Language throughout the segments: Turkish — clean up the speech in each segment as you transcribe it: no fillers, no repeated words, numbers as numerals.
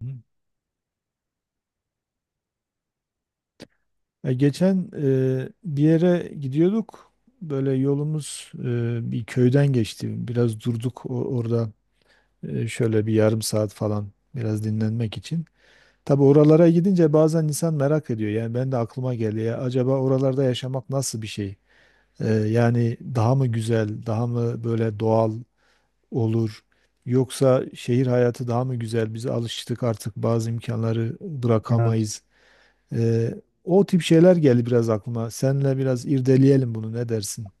Ya geçen bir yere gidiyorduk. Böyle yolumuz bir köyden geçti. Biraz durduk orada şöyle bir yarım saat falan biraz dinlenmek için. Tabii oralara gidince bazen insan merak ediyor. Yani ben de aklıma geldi ya acaba oralarda yaşamak nasıl bir şey? Yani daha mı güzel, daha mı böyle doğal olur? Yoksa şehir hayatı daha mı güzel? Biz alıştık artık bazı imkanları Evet. bırakamayız. Ee, o tip şeyler geldi biraz aklıma. Seninle biraz irdeleyelim bunu, ne dersin?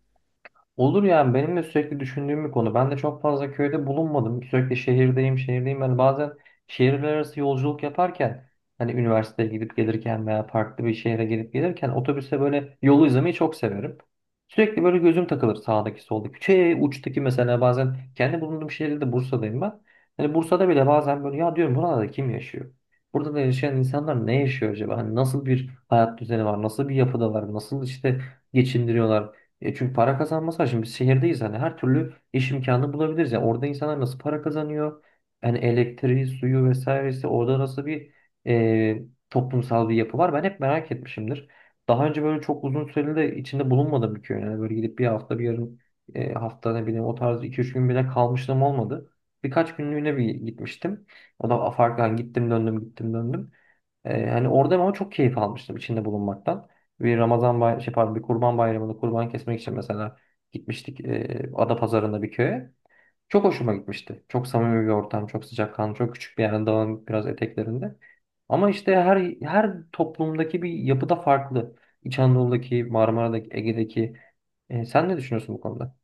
Olur yani benim de sürekli düşündüğüm bir konu. Ben de çok fazla köyde bulunmadım. Sürekli şehirdeyim, şehirdeyim. Yani bazen şehirler arası yolculuk yaparken hani üniversiteye gidip gelirken veya farklı bir şehre gidip gelirken otobüste böyle yolu izlemeyi çok severim. Sürekli böyle gözüm takılır sağdaki soldaki. Şey uçtaki mesela bazen kendi bulunduğum şehirde de Bursa'dayım ben. Hani Bursa'da bile bazen böyle ya diyorum burada kim yaşıyor? Burada da yaşayan insanlar ne yaşıyor acaba? Hani nasıl bir hayat düzeni var? Nasıl bir yapıdalar? Nasıl işte geçindiriyorlar? E çünkü para kazanması var. Şimdi biz şehirdeyiz hani her türlü iş imkanı bulabiliriz. Yani orada insanlar nasıl para kazanıyor? Yani elektriği, suyu vesairesi orada nasıl bir e, toplumsal bir yapı var? Ben hep merak etmişimdir. Daha önce böyle çok uzun süreli de içinde bulunmadım bir köy. Yani böyle gidip bir hafta bir yarım hafta ne bileyim o tarz iki üç gün bile kalmışlığım olmadı. Birkaç günlüğüne bir gitmiştim. O da farklı hani gittim döndüm gittim döndüm. Hani orada ama çok keyif almıştım içinde bulunmaktan. Bir Ramazan bay şey pardon, bir Kurban Bayramı'nda kurban kesmek için mesela gitmiştik Adapazarı'nda bir köye. Çok hoşuma gitmişti. Çok samimi bir ortam, çok sıcakkanlı, çok küçük bir yer, dağın biraz eteklerinde. Ama işte her toplumdaki bir yapıda farklı. İç Anadolu'daki, Marmara'daki, Ege'deki. Sen ne düşünüyorsun bu konuda?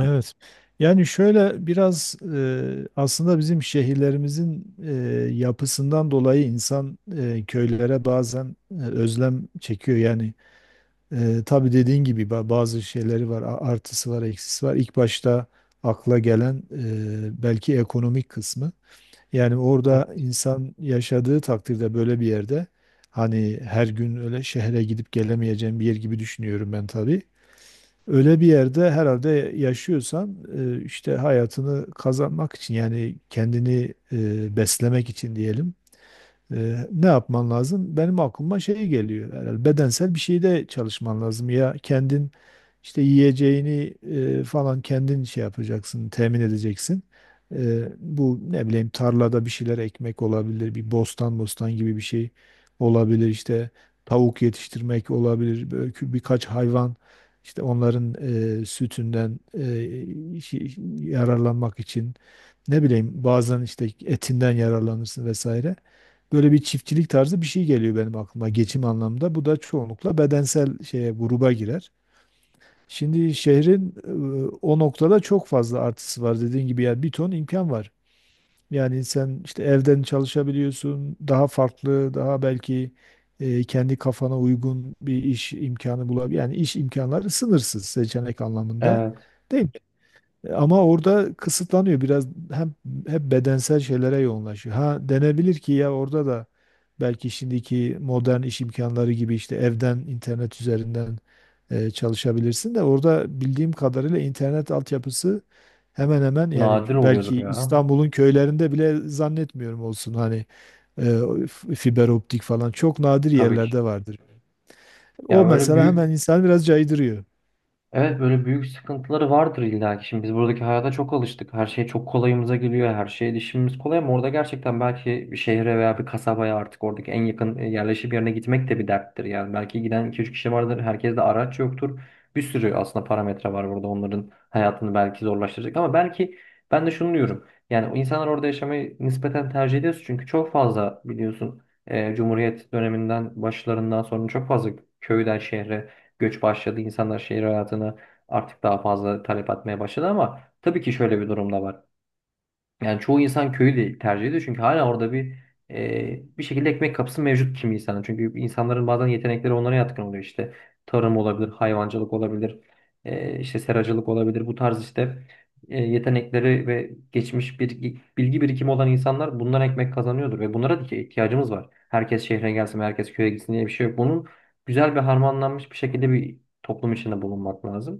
Evet. Yani şöyle biraz aslında bizim şehirlerimizin yapısından dolayı insan köylere bazen özlem çekiyor. Yani tabii dediğin gibi bazı şeyleri var, artısı var, eksisi var. İlk başta akla gelen belki ekonomik kısmı. Yani orada insan yaşadığı takdirde, böyle bir yerde, hani her gün öyle şehre gidip gelemeyeceğim bir yer gibi düşünüyorum ben tabii. Öyle bir yerde herhalde yaşıyorsan, işte hayatını kazanmak için, yani kendini beslemek için diyelim, ne yapman lazım? Benim aklıma şey geliyor, herhalde bedensel bir şeyde çalışman lazım, ya kendin işte yiyeceğini falan kendin şey yapacaksın, temin edeceksin. Bu ne bileyim tarlada bir şeyler ekmek olabilir, bir bostan bostan gibi bir şey olabilir, işte tavuk yetiştirmek olabilir, böyle birkaç hayvan, işte onların sütünden yararlanmak için, ne bileyim bazen işte etinden yararlanırsın vesaire. Böyle bir çiftçilik tarzı bir şey geliyor benim aklıma geçim anlamda. Bu da çoğunlukla bedensel şeye gruba girer. Şimdi şehrin o noktada çok fazla artısı var dediğin gibi, yani bir ton imkan var. Yani sen işte evden çalışabiliyorsun, daha farklı, daha belki kendi kafana uygun bir iş imkanı bulabilir. Yani iş imkanları sınırsız seçenek anlamında, Evet, değil mi? Ama orada kısıtlanıyor biraz, hem hep bedensel şeylere yoğunlaşıyor. Ha, denebilir ki ya orada da belki şimdiki modern iş imkanları gibi işte evden internet üzerinden çalışabilirsin de, orada bildiğim kadarıyla internet altyapısı hemen hemen yani nadir oluyordur belki ya. İstanbul'un köylerinde bile zannetmiyorum olsun, hani e, fiber optik falan çok nadir Tabii ki. yerlerde vardır. Ya O böyle mesela hemen büyük. insan biraz caydırıyor. Evet, böyle büyük sıkıntıları vardır illa ki. Şimdi biz buradaki hayata çok alıştık. Her şey çok kolayımıza geliyor. Her şeye erişimimiz kolay ama orada gerçekten belki bir şehre veya bir kasabaya artık oradaki en yakın yerleşim yerine gitmek de bir derttir. Yani belki giden 2-3 kişi vardır. Herkes de araç yoktur. Bir sürü aslında parametre var burada onların hayatını belki zorlaştıracak ama belki ben de şunu diyorum. Yani o insanlar orada yaşamayı nispeten tercih ediyoruz çünkü çok fazla biliyorsun Cumhuriyet döneminden başlarından sonra çok fazla köyden şehre göç başladı. İnsanlar şehir hayatını artık daha fazla talep etmeye başladı ama tabii ki şöyle bir durum da var. Yani çoğu insan köyü de tercih ediyor çünkü hala orada bir bir şekilde ekmek kapısı mevcut kimi insanın. Çünkü insanların bazen yetenekleri onlara yatkın oluyor işte. Tarım olabilir, hayvancılık olabilir, işte seracılık olabilir. Bu tarz işte yetenekleri ve geçmiş bir bilgi birikimi olan insanlar bundan ekmek kazanıyordur ve bunlara da ki ihtiyacımız var. Herkes şehre gelsin, herkes köye gitsin diye bir şey yok. Bunun güzel bir harmanlanmış bir şekilde bir toplum içinde bulunmak lazım.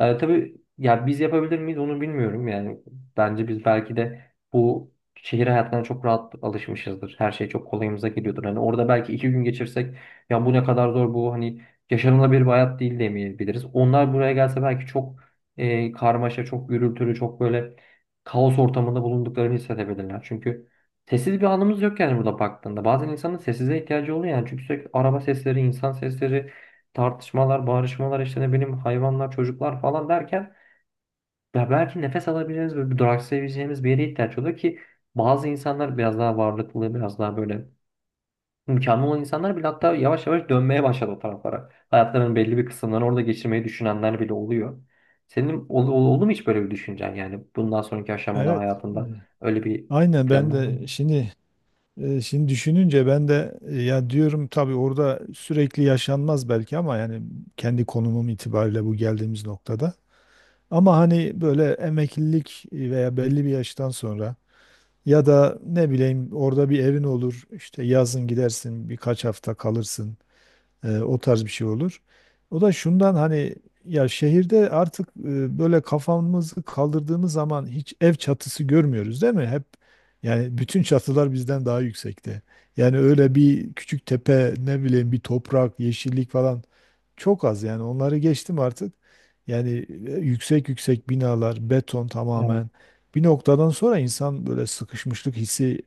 Tabii ya biz yapabilir miyiz onu bilmiyorum yani bence biz belki de bu şehir hayatına çok rahat alışmışızdır. Her şey çok kolayımıza geliyordur. Hani orada belki iki gün geçirsek ya bu ne kadar zor bu hani yaşanılabilir bir hayat değil demeyebiliriz. Onlar buraya gelse belki çok karmaşa, çok gürültülü, çok böyle kaos ortamında bulunduklarını hissedebilirler. Çünkü sessiz bir anımız yok yani burada baktığında. Bazen insanın sessize ihtiyacı oluyor yani çünkü sürekli araba sesleri, insan sesleri, tartışmalar, bağırışmalar işte ne bileyim hayvanlar, çocuklar falan derken ya belki nefes alabileceğimiz ve bir duraksayabileceğimiz bir yere ihtiyaç oluyor ki bazı insanlar biraz daha varlıklı, biraz daha böyle imkanı olan insanlar bile hatta yavaş yavaş dönmeye başladı o taraflara. Hayatlarının belli bir kısımlarını orada geçirmeyi düşünenler bile oluyor. Senin oldu mu hiç böyle bir düşüncen yani bundan sonraki aşamada Evet, hayatında öyle bir aynen, planın ben oldu de mu? şimdi şimdi düşününce ben de ya diyorum, tabii orada sürekli yaşanmaz belki, ama yani kendi konumum itibariyle bu geldiğimiz noktada. Ama hani böyle emeklilik veya belli bir yaştan sonra ya da ne bileyim, orada bir evin olur. İşte yazın gidersin, birkaç hafta kalırsın. O tarz bir şey olur. O da şundan, hani ya şehirde artık böyle kafamızı kaldırdığımız zaman hiç ev çatısı görmüyoruz, değil mi? Hep, yani bütün çatılar bizden daha yüksekte. Yani öyle bir küçük tepe, ne bileyim bir toprak, yeşillik falan çok az, yani onları geçtim artık. Yani yüksek yüksek binalar, beton Evet. tamamen. Bir noktadan sonra insan böyle sıkışmışlık hissi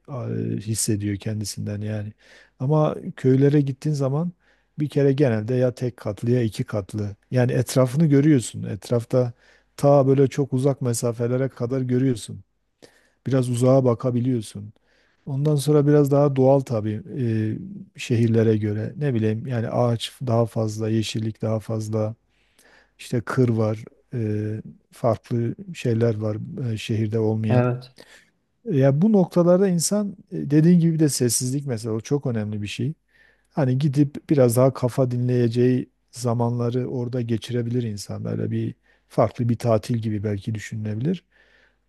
hissediyor kendisinden yani. Ama köylere gittiğin zaman bir kere genelde ya tek katlı ya iki katlı. Yani etrafını görüyorsun. Etrafta ta böyle çok uzak mesafelere kadar görüyorsun. Biraz uzağa bakabiliyorsun. Ondan sonra biraz daha doğal tabii şehirlere göre. Ne bileyim, yani ağaç daha fazla, yeşillik daha fazla, işte kır var, e, farklı şeyler var şehirde olmayan. Evet. Ya bu noktalarda insan dediğin gibi de sessizlik mesela, o çok önemli bir şey. Hani gidip biraz daha kafa dinleyeceği zamanları orada geçirebilir insan. Böyle bir farklı bir tatil gibi belki düşünülebilir.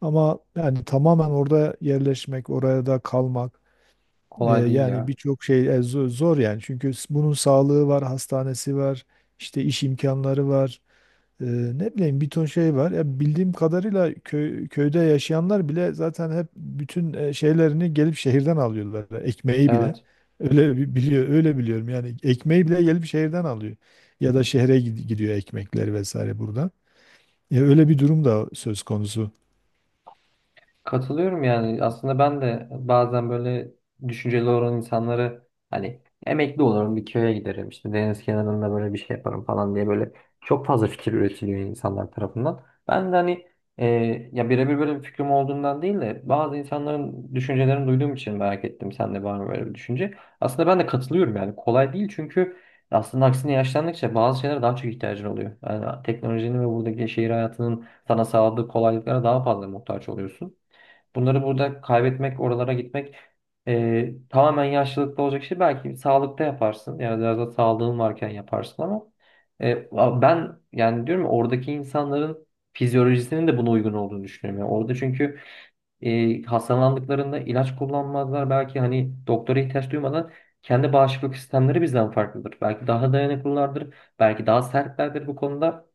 Ama yani tamamen orada yerleşmek, oraya da kalmak, Kolay değil yani ya. birçok şey zor yani. Çünkü bunun sağlığı var, hastanesi var, işte iş imkanları var. Ee, ne bileyim bir ton şey var. Ya bildiğim kadarıyla köyde yaşayanlar bile zaten hep bütün şeylerini gelip şehirden alıyorlar. Ekmeği bile. Evet. Öyle biliyor, öyle biliyorum. Yani ekmeği bile gelip şehirden alıyor. Ya da şehre gidiyor ekmekleri vesaire burada. Ya öyle bir durum da söz konusu. Katılıyorum yani aslında ben de bazen böyle düşünceli olan insanları hani emekli olurum bir köye giderim işte deniz kenarında böyle bir şey yaparım falan diye böyle çok fazla fikir üretiliyor insanlar tarafından. Ben de hani e, ya birebir böyle bir fikrim olduğundan değil de bazı insanların düşüncelerini duyduğum için merak ettim sen de var mı böyle bir düşünce. Aslında ben de katılıyorum yani kolay değil çünkü aslında aksine yaşlandıkça bazı şeylere daha çok ihtiyacın oluyor. Yani teknolojinin ve buradaki şehir hayatının sana sağladığı kolaylıklara daha fazla muhtaç oluyorsun. Bunları burada kaybetmek, oralara gitmek tamamen yaşlılıkta olacak şey. Belki sağlıkta yaparsın. Yani biraz da sağlığın varken yaparsın ama e, ben yani diyorum ya, oradaki insanların fizyolojisinin de buna uygun olduğunu düşünüyorum. Yani orada çünkü hastalandıklarında ilaç kullanmazlar. Belki hani doktora ihtiyaç duymadan kendi bağışıklık sistemleri bizden farklıdır. Belki daha dayanıklılardır. Belki daha sertlerdir bu konuda.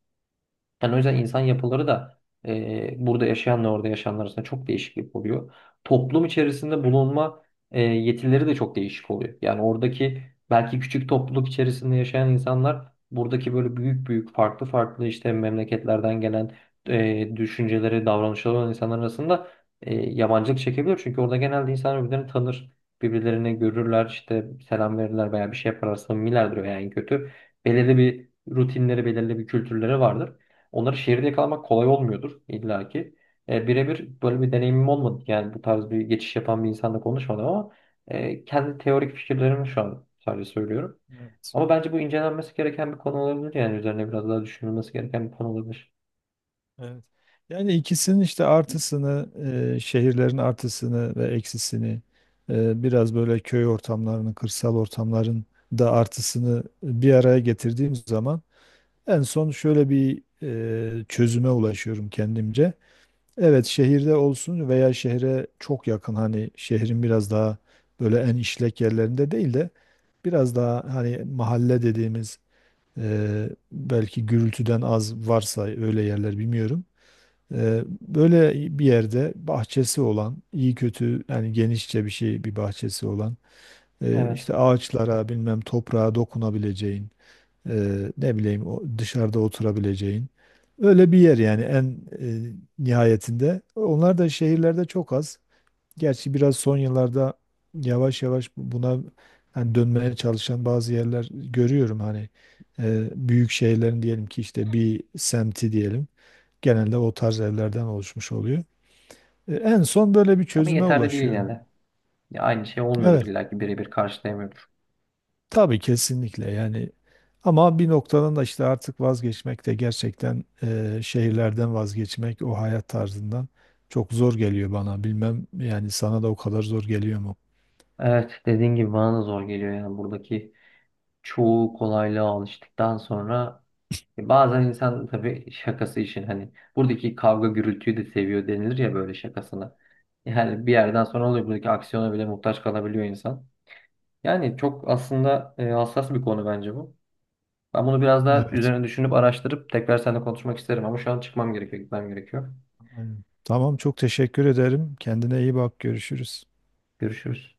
Yani o yüzden insan yapıları da burada yaşayanla orada yaşayanlar arasında çok değişiklik oluyor. Toplum içerisinde bulunma yetileri de çok değişik oluyor. Yani oradaki belki küçük topluluk içerisinde yaşayan insanlar buradaki böyle büyük büyük farklı farklı işte memleketlerden gelen düşünceleri, davranışları olan insanlar arasında yabancılık çekebilir. Çünkü orada genelde insanlar birbirlerini tanır. Birbirlerini görürler, işte selam verirler veya bir şey yaparlar, samimilerdir veya en kötü. Belirli bir rutinleri, belirli bir kültürleri vardır. Onları şehirde yakalamak kolay olmuyordur illaki. Birebir böyle bir deneyimim olmadı. Yani bu tarz bir geçiş yapan bir insanla konuşmadım ama kendi teorik fikirlerimi şu an sadece söylüyorum. Evet. Ama bence bu incelenmesi gereken bir konu olabilir. Yani üzerine biraz daha düşünülmesi gereken bir konu olabilir. Evet. Yani ikisinin işte artısını, şehirlerin artısını ve eksisini, biraz böyle köy ortamlarının, kırsal ortamların da artısını bir araya getirdiğim zaman en son şöyle bir çözüme ulaşıyorum kendimce. Evet, şehirde olsun veya şehre çok yakın, hani şehrin biraz daha böyle en işlek yerlerinde değil de biraz daha hani mahalle dediğimiz, belki gürültüden az varsa öyle yerler, bilmiyorum. Böyle bir yerde bahçesi olan, iyi kötü yani genişçe bir şey, bir bahçesi olan, Evet. işte ağaçlara bilmem, toprağa dokunabileceğin, ne bileyim o dışarıda oturabileceğin öyle bir yer, yani en eee, nihayetinde. Onlar da şehirlerde çok az. Gerçi biraz son yıllarda yavaş yavaş buna hani dönmeye çalışan bazı yerler görüyorum, hani büyük şehirlerin diyelim ki işte bir semti diyelim. Genelde o tarz evlerden oluşmuş oluyor. En son böyle bir Ama çözüme yeterli değil yine ulaşıyorum. de. Ya aynı şey olmuyordur Evet, illaki birebir karşılayamıyordur. tabii, kesinlikle, yani. Ama bir noktadan da işte artık vazgeçmek de, gerçekten şehirlerden vazgeçmek o hayat tarzından, çok zor geliyor bana. Bilmem, yani sana da o kadar zor geliyor mu? Evet, dediğin gibi bana da zor geliyor yani buradaki çoğu kolaylığa alıştıktan sonra. Bazen insan tabii şakası için hani buradaki kavga gürültüyü de seviyor denilir ya böyle şakasına. Yani bir yerden sonra oluyor buradaki aksiyona bile muhtaç kalabiliyor insan. Yani çok aslında hassas bir konu bence bu. Ben bunu biraz daha Evet. üzerine düşünüp araştırıp tekrar seninle konuşmak isterim ama şu an çıkmam gerekiyor, gitmem gerekiyor. Aynen. Tamam, çok teşekkür ederim. Kendine iyi bak. Görüşürüz. Görüşürüz.